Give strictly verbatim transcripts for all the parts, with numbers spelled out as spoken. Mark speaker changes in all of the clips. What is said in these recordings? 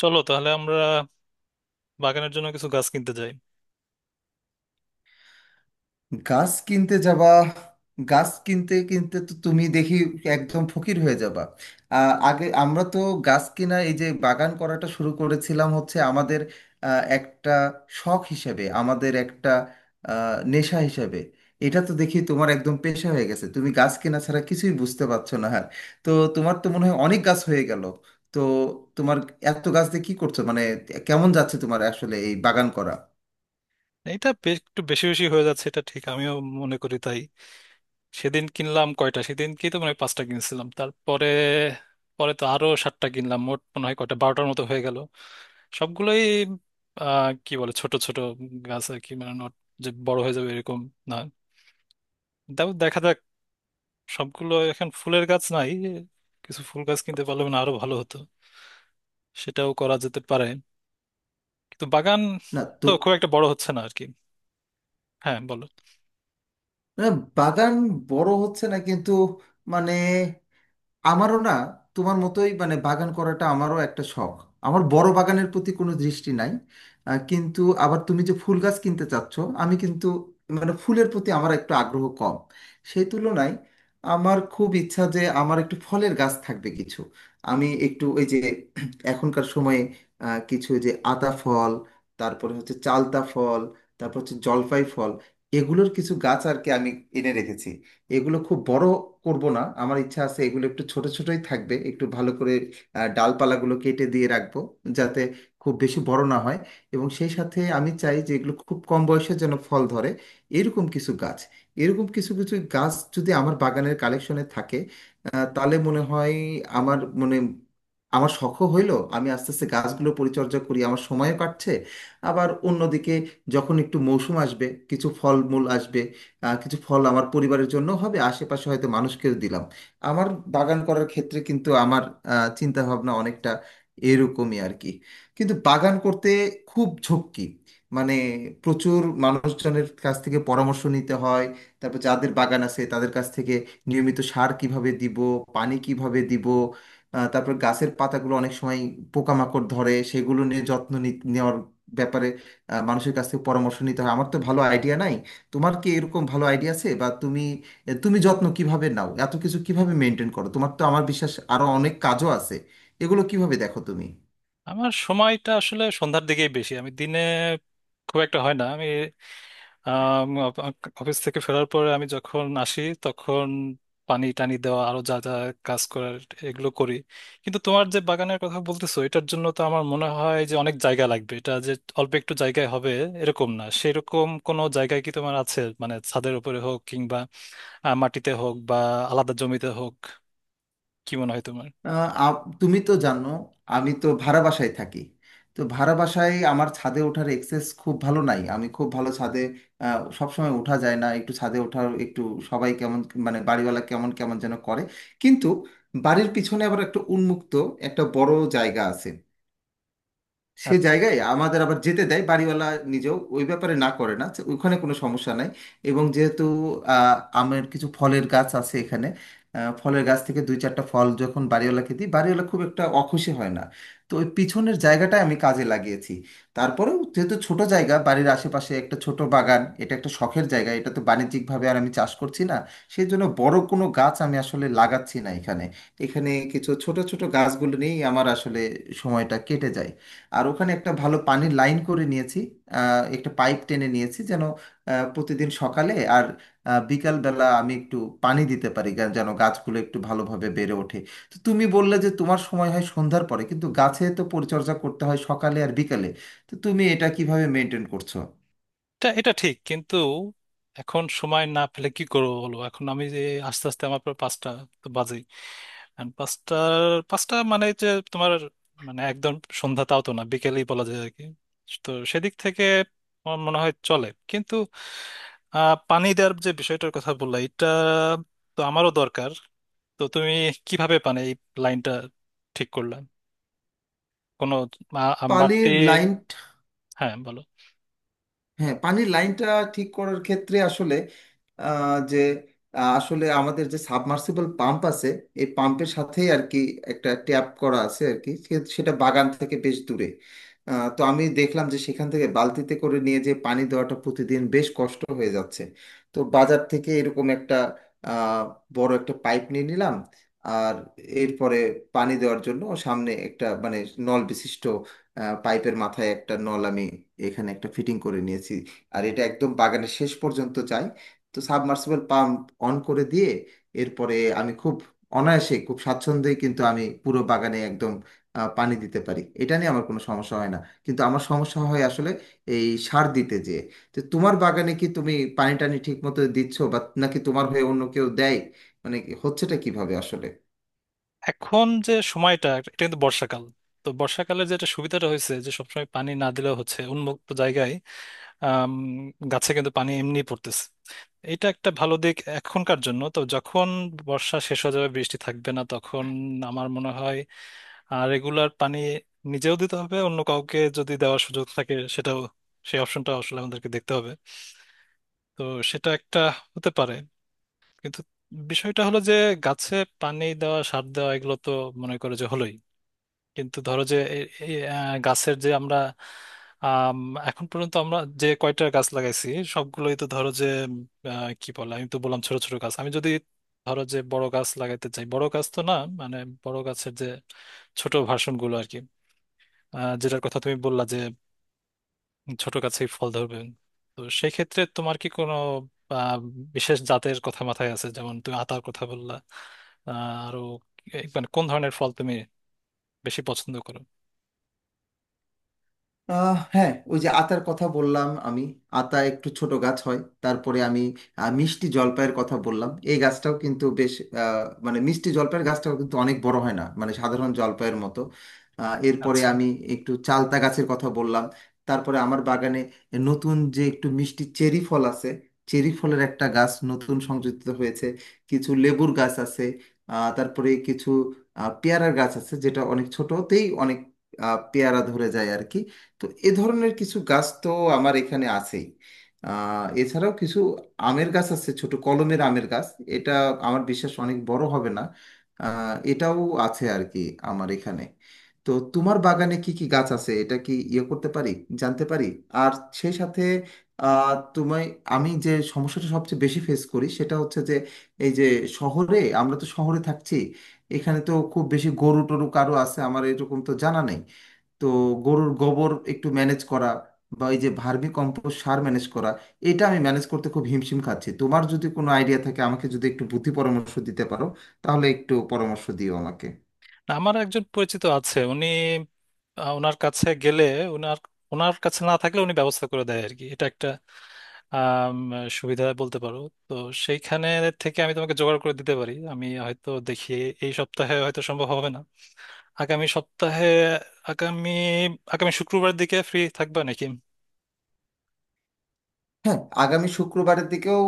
Speaker 1: চলো তাহলে আমরা বাগানের জন্য কিছু গাছ কিনতে যাই।
Speaker 2: গাছ কিনতে যাবা? গাছ কিনতে কিনতে তো তুমি দেখি একদম ফকির হয়ে যাবা। আহ, আগে আমরা তো গাছ কিনা এই যে বাগান করাটা শুরু করেছিলাম হচ্ছে আমাদের আহ, একটা শখ হিসেবে, আমাদের একটা আহ, নেশা হিসেবে। এটা তো দেখি তোমার একদম পেশা হয়ে গেছে, তুমি গাছ কেনা ছাড়া কিছুই বুঝতে পারছো না আর। তো তোমার তো মনে হয় অনেক গাছ হয়ে গেল। তো তোমার এত গাছ দিয়ে কি করছো, মানে কেমন যাচ্ছে তোমার আসলে এই বাগান করা?
Speaker 1: এটা বে- একটু বেশি বেশি হয়ে যাচ্ছে, এটা ঠিক, আমিও মনে করি তাই। সেদিন কিনলাম কয়টা, সেদিন কি তো মানে পাঁচটা কিনছিলাম, তারপরে পরে তো আরো সাতটা কিনলাম, মোট মনে হয় কয়টা বারোটার মতো হয়ে গেল। সবগুলোই আহ কি বলে ছোট ছোট গাছ আর কি, মানে নট যে বড় হয়ে যাবে এরকম না। তাও দেখা যাক। সবগুলো এখন ফুলের গাছ নাই, কিছু ফুল গাছ কিনতে পারলে মানে আরো ভালো হতো, সেটাও করা যেতে পারে। কিন্তু বাগান
Speaker 2: না
Speaker 1: তো
Speaker 2: তো।
Speaker 1: খুব একটা বড় হচ্ছে না আর কি। হ্যাঁ বলো।
Speaker 2: না, বাগান বড় হচ্ছে না কিন্তু, মানে আমারও না তোমার মতোই মানে বাগান করাটা আমারও একটা শখ। আমার বড় বাগানের প্রতি কোনো দৃষ্টি নাই। আহ, কিন্তু আবার তুমি যে ফুল গাছ কিনতে চাচ্ছ, আমি কিন্তু মানে ফুলের প্রতি আমার একটু আগ্রহ কম। সেই তুলনায় আমার খুব ইচ্ছা যে আমার একটু ফলের গাছ থাকবে কিছু। আমি একটু ওই যে এখনকার সময়ে আহ, কিছু ওই যে আতা ফল, তারপরে হচ্ছে চালতা ফল, তারপর হচ্ছে জলপাই ফল, এগুলোর কিছু গাছ আর কি আমি এনে রেখেছি। এগুলো খুব বড় করব না, আমার ইচ্ছা আছে এগুলো একটু ছোট ছোটই থাকবে, একটু ভালো করে আহ, ডালপালাগুলো কেটে দিয়ে রাখবো যাতে খুব বেশি বড় না হয়। এবং সেই সাথে আমি চাই যে এগুলো খুব কম বয়সে যেন ফল ধরে। এরকম কিছু গাছ, এরকম কিছু কিছু গাছ যদি আমার বাগানের কালেকশনে থাকে, আহ, তাহলে মনে হয় আমার মনে আমার শখও হইলো, আমি আস্তে আস্তে গাছগুলো পরিচর্যা করি, আমার সময়ও কাটছে। আবার অন্যদিকে যখন একটু মৌসুম আসবে, কিছু ফলমূল আসবে, আহ, কিছু ফল আমার পরিবারের জন্য হবে, আশেপাশে হয়তো মানুষকেও দিলাম। আমার বাগান করার ক্ষেত্রে কিন্তু আমার আহ, চিন্তা ভাবনা অনেকটা এরকমই আর কি। কিন্তু বাগান করতে খুব ঝক্কি, মানে প্রচুর মানুষজনের কাছ থেকে পরামর্শ নিতে হয়। তারপর যাদের বাগান আছে তাদের কাছ থেকে নিয়মিত সার কিভাবে দিব, পানি কিভাবে দিব, আহ, তারপর গাছের পাতাগুলো অনেক সময় পোকামাকড় ধরে, সেগুলো নিয়ে যত্ন নি- নেওয়ার ব্যাপারে আহ, মানুষের কাছ থেকে পরামর্শ নিতে হয়। আমার তো ভালো আইডিয়া নাই। তোমার কি এরকম ভালো আইডিয়া আছে? বা তুমি তুমি যত্ন কিভাবে নাও, এত কিছু কিভাবে মেনটেন করো? তোমার তো আমার বিশ্বাস আরো অনেক কাজও আছে, এগুলো কিভাবে দেখো তুমি?
Speaker 1: আমার সময়টা আসলে সন্ধ্যার দিকেই বেশি, আমি দিনে খুব একটা হয় না। আমি আম, অফ- অফিস থেকে ফেরার পরে আমি যখন আসি তখন পানি টানি দেওয়া আরো যা যা কাজ করার এগুলো করি। কিন্তু তোমার যে বাগানের কথা বলতেছো এটার জন্য তো আমার মনে হয় যে অনেক জায়গা লাগবে। এটা যে অল্প একটু জায়গায় হবে এরকম না। সেরকম কোনো জায়গায় কি তোমার আছে, মানে ছাদের উপরে হোক কিংবা আহ, মাটিতে হোক বা আলাদা জমিতে হোক? কি মনে হয় তোমার?
Speaker 2: আহ, আ- তুমি তো জানো আমি তো ভাড়া বাসায় থাকি। তো ভাড়া বাসায় আমার ছাদে ওঠার এক্সেস খুব ভালো নাই। আমি খুব ভালো ছাদে আহ, সবসময় ওঠা যায় না, একটু ছাদে ওঠার একটু সবাই কেমন, মানে বাড়িওয়ালা কেমন কেমন যেন করে। কিন্তু বাড়ির পিছনে আবার একটা উন্মুক্ত একটা বড় জায়গা আছে। সে জায়গায় আমাদের আবার যেতে দেয় বাড়িওয়ালা, নিজেও ওই ব্যাপারে না করে না, যে ওখানে কোনো সমস্যা নাই। এবং যেহেতু আহ, আমের কিছু ফলের গাছ আছে এখানে, আহ, ফলের গাছ থেকে দুই চারটা ফল যখন বাড়িওয়ালাকে দিই, বাড়িওয়ালা খুব একটা অখুশি হয় না। তো ওই পিছনের জায়গাটা আমি কাজে লাগিয়েছি। তারপরেও যেহেতু ছোট জায়গা, বাড়ির আশেপাশে একটা ছোট বাগান, এটা একটা শখের জায়গা, এটা তো বাণিজ্যিকভাবে আর আমি চাষ করছি না, সেই জন্য বড় কোনো গাছ আমি আসলে লাগাচ্ছি না এখানে। এখানে কিছু ছোট ছোট গাছগুলো নিয়েই আমার আসলে সময়টা কেটে যায়। আর ওখানে একটা ভালো পানির লাইন করে নিয়েছি, আহ, একটা পাইপ টেনে নিয়েছি যেন আহ, প্রতিদিন সকালে আর আহ, বিকালবেলা আমি একটু পানি দিতে পারি গা- যেন গাছগুলো একটু ভালোভাবে বেড়ে ওঠে। তো তুমি বললে যে তোমার সময় হয় সন্ধ্যার পরে, কিন্তু গাছে তো পরিচর্যা করতে হয় সকালে আর বিকালে। তো তুমি এটা কিভাবে মেনটেন করছো?
Speaker 1: এটা এটা ঠিক, কিন্তু এখন সময় না পেলে কি করবো বলো। এখন আমি যে আস্তে আস্তে আমার প্রায় পাঁচটা তো বাজেই। And পাঁচটার পাঁচটা মানে যে তোমার মানে একদম সন্ধ্যা তাও তো না, বিকেলেই বলা যায় আর কি। তো সেদিক থেকে আমার মনে হয় চলে। কিন্তু আহ, পানি দেওয়ার যে বিষয়টার কথা বললা এটা তো আমারও দরকার। তো তুমি কিভাবে পানি এই লাইনটা ঠিক করলে? কোনো আ- আ- বাড়তি।
Speaker 2: পানির লাইন।
Speaker 1: হ্যাঁ বলো।
Speaker 2: হ্যাঁ পানির লাইনটা ঠিক করার ক্ষেত্রে আসলে আহ, যে আহ, আসলে আমাদের যে সাবমার্সিবল পাম্প আছে, এই পাম্পের সাথেই আর কি একটা ট্যাপ করা আছে আর কি সে- সেটা বাগান থেকে বেশ দূরে। আহ, তো আমি দেখলাম যে সেখান থেকে বালতিতে করে নিয়ে যে পানি দেওয়াটা প্রতিদিন বেশ কষ্ট হয়ে যাচ্ছে। তো বাজার থেকে এরকম একটা আহ, বড় একটা পাইপ নিয়ে নিলাম। আর এরপরে পানি দেওয়ার জন্য সামনে একটা মানে নল বিশিষ্ট, পাইপের মাথায় একটা নল আমি এখানে একটা ফিটিং করে নিয়েছি, আর এটা একদম বাগানের শেষ পর্যন্ত চাই। তো সাবমার্সিবল পাম্প অন করে দিয়ে এরপরে আমি খুব অনায়াসে, খুব স্বাচ্ছন্দ্যে কিন্তু আমি পুরো বাগানে একদম আহ, পানি দিতে পারি। এটা নিয়ে আমার কোনো সমস্যা হয় না, কিন্তু আমার সমস্যা হয় আসলে এই সার দিতে যেয়ে। তো তোমার বাগানে কি তুমি পানি টানি ঠিক মতো দিচ্ছ, বা নাকি তোমার হয়ে অন্য কেউ দেয়? মানে হচ্ছেটা কিভাবে আসলে?
Speaker 1: এখন যে সময়টা এটা কিন্তু বর্ষাকাল। তো বর্ষাকালে যেটা সুবিধাটা হয়েছে যে সবসময় পানি না দিলেও হচ্ছে উন্মুক্ত জায়গায়। আম, গাছে কিন্তু পানি এমনি পড়তেছে। এটা একটা ভালো দিক এখনকার জন্য। তো যখন বর্ষা শেষ হয়ে যাবে, বৃষ্টি থাকবে না তখন আমার মনে হয় রেগুলার পানি নিজেও দিতে হবে। অন্য কাউকে যদি দেওয়ার সুযোগ থাকে সেটাও, সেই অপশনটা আসলে আমাদেরকে দেখতে হবে। তো সেটা একটা হতে পারে। কিন্তু বিষয়টা হলো যে গাছে পানি দেওয়া সার দেওয়া এগুলো তো মনে করে যে হলোই। কিন্তু ধরো যে এ- এ, আহ, গাছের যে আমরা, আম, এখন পর্যন্ত আমরা যে কয়টা গাছ লাগাইছি সবগুলোই তো ধরো যে, আহ, কি বলে, আমি তো বললাম ছোট ছোট গাছ। আমি যদি ধরো যে বড় গাছ লাগাইতে চাই, বড় গাছ তো না মানে বড় গাছের যে ছোট ভার্সন গুলো আর কি। আহ, যেটার কথা তুমি বললা যে ছোট গাছেই ফল ধরবে। তো সেই ক্ষেত্রে তোমার কি কোনো আহ, বিশেষ জাতের কথা মাথায় আছে? যেমন তুমি আতার কথা বললা। আহ, আরো এ- মানে কোন ধরনের ফল তুমি বেশি পছন্দ করো?
Speaker 2: আহ হ্যাঁ, ওই যে আতার কথা বললাম আমি। আতা একটু ছোট গাছ হয়। তারপরে আমি আহ, মিষ্টি জলপাইয়ের কথা বললাম, এই গাছটাও কিন্তু বেশ আহ, মানে মিষ্টি জলপাইয়ের গাছটাও কিন্তু অনেক বড় হয় না, মানে সাধারণ জলপাইয়ের মতো। আহ, এরপরে
Speaker 1: আচ্ছা।
Speaker 2: আমি একটু চালতা গাছের কথা বললাম। তারপরে আমার বাগানে নতুন যে একটু মিষ্টি চেরি ফল আছে, চেরি ফলের একটা গাছ নতুন সংযোজিত হয়েছে। কিছু লেবুর গাছ আছে, আহ, তারপরে কিছু আহ, পেয়ারার গাছ আছে যেটা অনেক ছোটতেই অনেক আহ, পেয়ারা ধরে যায় আর কি। তো এ ধরনের কিছু গাছ তো আমার এখানে আছেই। আহ, এছাড়াও কিছু আমের গাছ আছে, ছোট কলমের আমের গাছ। এটা আমার বিশ্বাস অনেক বড় হবে না। আহ, এটাও আছে আর কি আমার এখানে। তো তোমার বাগানে কি কি গাছ আছে এটা কি ইয়ে করতে পারি, জানতে পারি? আর সেই সাথে আহ, তোমায় আমি যে সমস্যাটা সবচেয়ে বেশি ফেস করি সেটা হচ্ছে যে এই যে শহরে আমরা তো শহরে থাকছি, এখানে তো খুব বেশি গরু টরু কারো আছে আমার এরকম তো জানা নেই। তো গরুর গোবর একটু ম্যানেজ করা বা এই যে ভার্মি কম্পোস্ট সার ম্যানেজ করা, এটা আমি ম্যানেজ করতে খুব হিমশিম খাচ্ছি। তোমার যদি কোনো আইডিয়া থাকে, আমাকে যদি একটু বুদ্ধি পরামর্শ দিতে পারো তাহলে একটু পরামর্শ দিও আমাকে।
Speaker 1: না, আমার একজন পরিচিত আছে। উনি, আহ, ওনার কাছে গেলে, ওনার ওনার কাছে না থাকলে উনি ব্যবস্থা করে দেয় আর কি। এটা একটা আম, সুবিধা বলতে পারো। তো সেইখানে থেকে আমি তোমাকে জোগাড় করে দিতে পারি। আমি হয়তো দেখি, এই সপ্তাহে হয়তো সম্ভব হবে না, আগামী সপ্তাহে। আগামী আগামী শুক্রবার দিকে ফ্রি থাকবা নাকি?
Speaker 2: হ্যাঁ আগামী শুক্রবারের দিকেও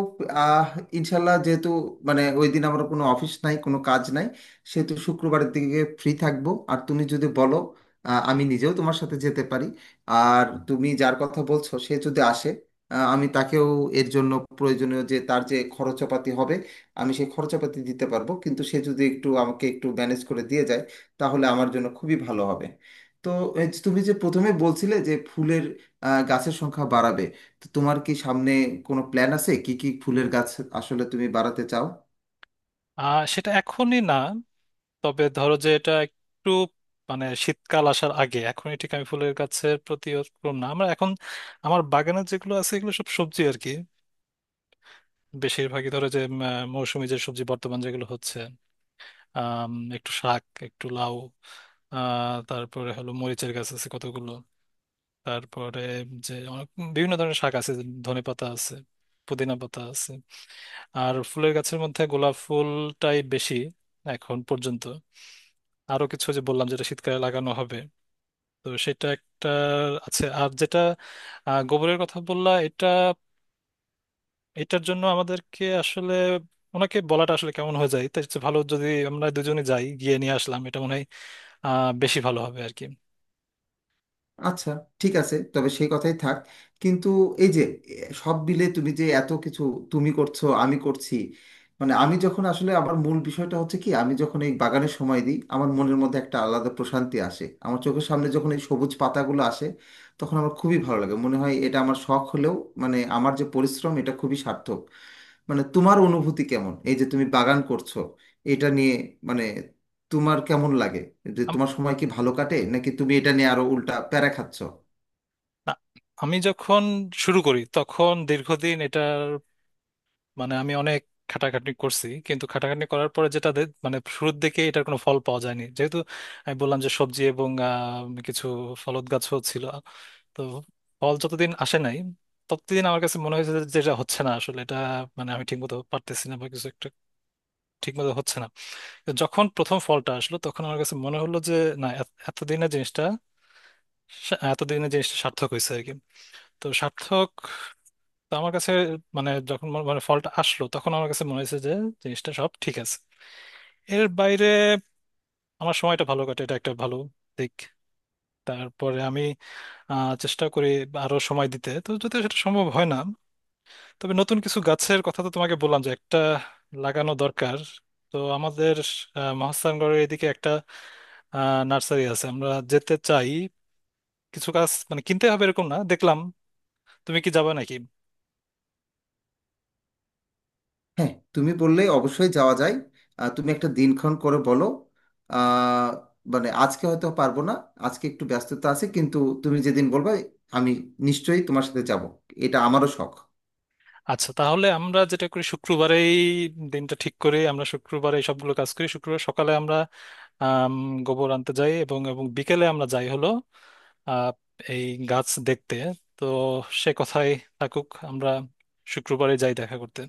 Speaker 2: আহ ইনশাল্লাহ যেহেতু মানে ওই দিন আমার কোনো অফিস নাই, কোনো কাজ নাই, সেহেতু শুক্রবারের দিকে ফ্রি থাকবো। আর তুমি যদি বলো আহ, আমি নিজেও তোমার সাথে যেতে পারি। আর তুমি যার কথা বলছো সে যদি আসে, আহ, আমি তাকেও এর জন্য প্রয়োজনীয় যে তার যে খরচাপাতি হবে, আমি সেই খরচাপাতি দিতে পারবো, কিন্তু সে যদি একটু আমাকে একটু ম্যানেজ করে দিয়ে যায় তাহলে আমার জন্য খুবই ভালো হবে। তো এই যে তুমি যে প্রথমে বলছিলে যে ফুলের আহ, গাছের সংখ্যা বাড়াবে, তো তোমার কি সামনে কোনো প্ল্যান আছে কি কি ফুলের গাছ আসলে তুমি বাড়াতে চাও?
Speaker 1: আহ সেটা এখনই না। তবে ধরো যে এটা একটু মানে শীতকাল আসার আগে, এখনই ঠিক আমি ফুলের গাছের প্রতি ওরকম না। আমরা এখন, আমার বাগানে যেগুলো আছে এগুলো সব সবজি আর কি। বেশিরভাগই ধরো যে উম, আহ, মৌসুমী যে সবজি, বর্তমান যেগুলো হচ্ছে, আম, একটু শাক, একটু লাউ, আহ, তারপরে হলো মরিচের গাছ আছে কতগুলো। তারপরে যে অনেক বিভিন্ন ধরনের শাক আছে, ধনে পাতা আছে, পুদিনা পাতা আছে। আর ফুলের গাছের মধ্যে গোলাপ ফুলটাই বেশি এখন পর্যন্ত। আরো কিছু যে বললাম যেটা শীতকালে লাগানো হবে, তো সেটা একটা আছে। আর যেটা আহ, গোবরের কথা বললা, এটা, এটার জন্য আমাদেরকে আসলে ওনাকে বলাটা আসলে কেমন হয়ে যায়। তাই হচ্ছে ভালো যদি আমরা দুজনে যাই, গিয়ে নিয়ে আসলাম, এটা মনে হয় আহ, বেশি ভালো হবে আর কি।
Speaker 2: আচ্ছা, ঠিক আছে, তবে সেই কথাই থাক। কিন্তু এই যে এ, সব মিলে তুমি যে এত কিছু তুমি করছো, আমি করছি, মানে আমি যখন আসলে আমার মূল বিষয়টা হচ্ছে কি, আমি যখন এই বাগানে সময় দিই আমার মনের মধ্যে একটা আলাদা প্রশান্তি আসে, আমার চোখের সামনে যখন এই সবুজ পাতাগুলো আসে তখন আমার খুবই ভালো লাগে, মনে হয় এটা আমার শখ হলেও মানে আমার যে পরিশ্রম এটা খুবই সার্থক। মানে তোমার অনুভূতি কেমন এই যে তুমি বাগান করছো এটা নিয়ে? মানে তোমার কেমন লাগে? যে
Speaker 1: আম-
Speaker 2: তোমার সময় কি ভালো কাটে নাকি তুমি এটা নিয়ে আরো উল্টা প্যারা খাচ্ছ?
Speaker 1: না, আমি যখন শুরু করি তখন দীর্ঘদিন এটার মানে আমি অনেক খাটাখাটনি করছি। কিন্তু খাটাখাটনি করার পরে যেটা দে- মানে শুরুর দিকে এটার কোনো ফল পাওয়া যায়নি, যেহেতু আমি বললাম যে সবজি এবং আহ, কিছু ফলদ গাছও ছিল। তো ফল যতদিন আসে নাই ততদিন আমার কাছে মনে হয়েছে যে যেটা হচ্ছে না আসলে, এটা মানে আমি ঠিকমতো পারতেছি না বা কিছু একটা ঠিকমতো হচ্ছে না। তো যখন প্রথম ফলটা আসলো তখন আমার কাছে মনে হলো যে না, এত- এতদিনের জিনিসটা, সা- এতদিনের জিনিসটা সার্থক হয়েছে আর কি। তো সার্থক, তো আমার কাছে মানে যখন মনে- মানে ফলটা আসলো তখন আমার কাছে মনে হয়েছে যে জিনিসটা সব ঠিক আছে। এর বাইরে আমার সময়টা ভালো কাটে, এটা একটা ভালো দিক। তারপরে আমি আহ, চেষ্টা করি আরো সময় দিতে। তো যদি সেটা সম্ভব হয় না, তবে নতুন কিছু গাছের কথা তো তোমাকে বললাম যে একটা লাগানো দরকার। তো আমাদের আহ, মহাস্থানগড়ের এদিকে একটা নার্সারি আছে, আমরা যেতে চাই। কিছু গাছ মানে কিনতে হবে এরকম না দেখলাম। তুমি কি যাবে নাকি?
Speaker 2: হ্যাঁ তুমি বললে অবশ্যই যাওয়া যায়। আহ, তুমি একটা দিনক্ষণ করে বলো। আহ, মানে আজকে হয়তো পারবো না, আজকে একটু ব্যস্ততা আছে, কিন্তু তুমি যেদিন বলবে আমি নিশ্চয়ই তোমার সাথে যাব। এটা আমারও শখ।
Speaker 1: আচ্ছা তাহলে আমরা যেটা করি শুক্রবারেই দিনটা ঠিক করে আমরা শুক্রবারে এই সবগুলো কাজ করি। শুক্রবার সকালে আমরা, আম, গোবর আনতে যাই এবং এবং বিকেলে আমরা যাই হলো আহ, এই গাছ দেখতে। তো সে কথাই থাকুক, আমরা শুক্রবারে যাই দেখা করতে।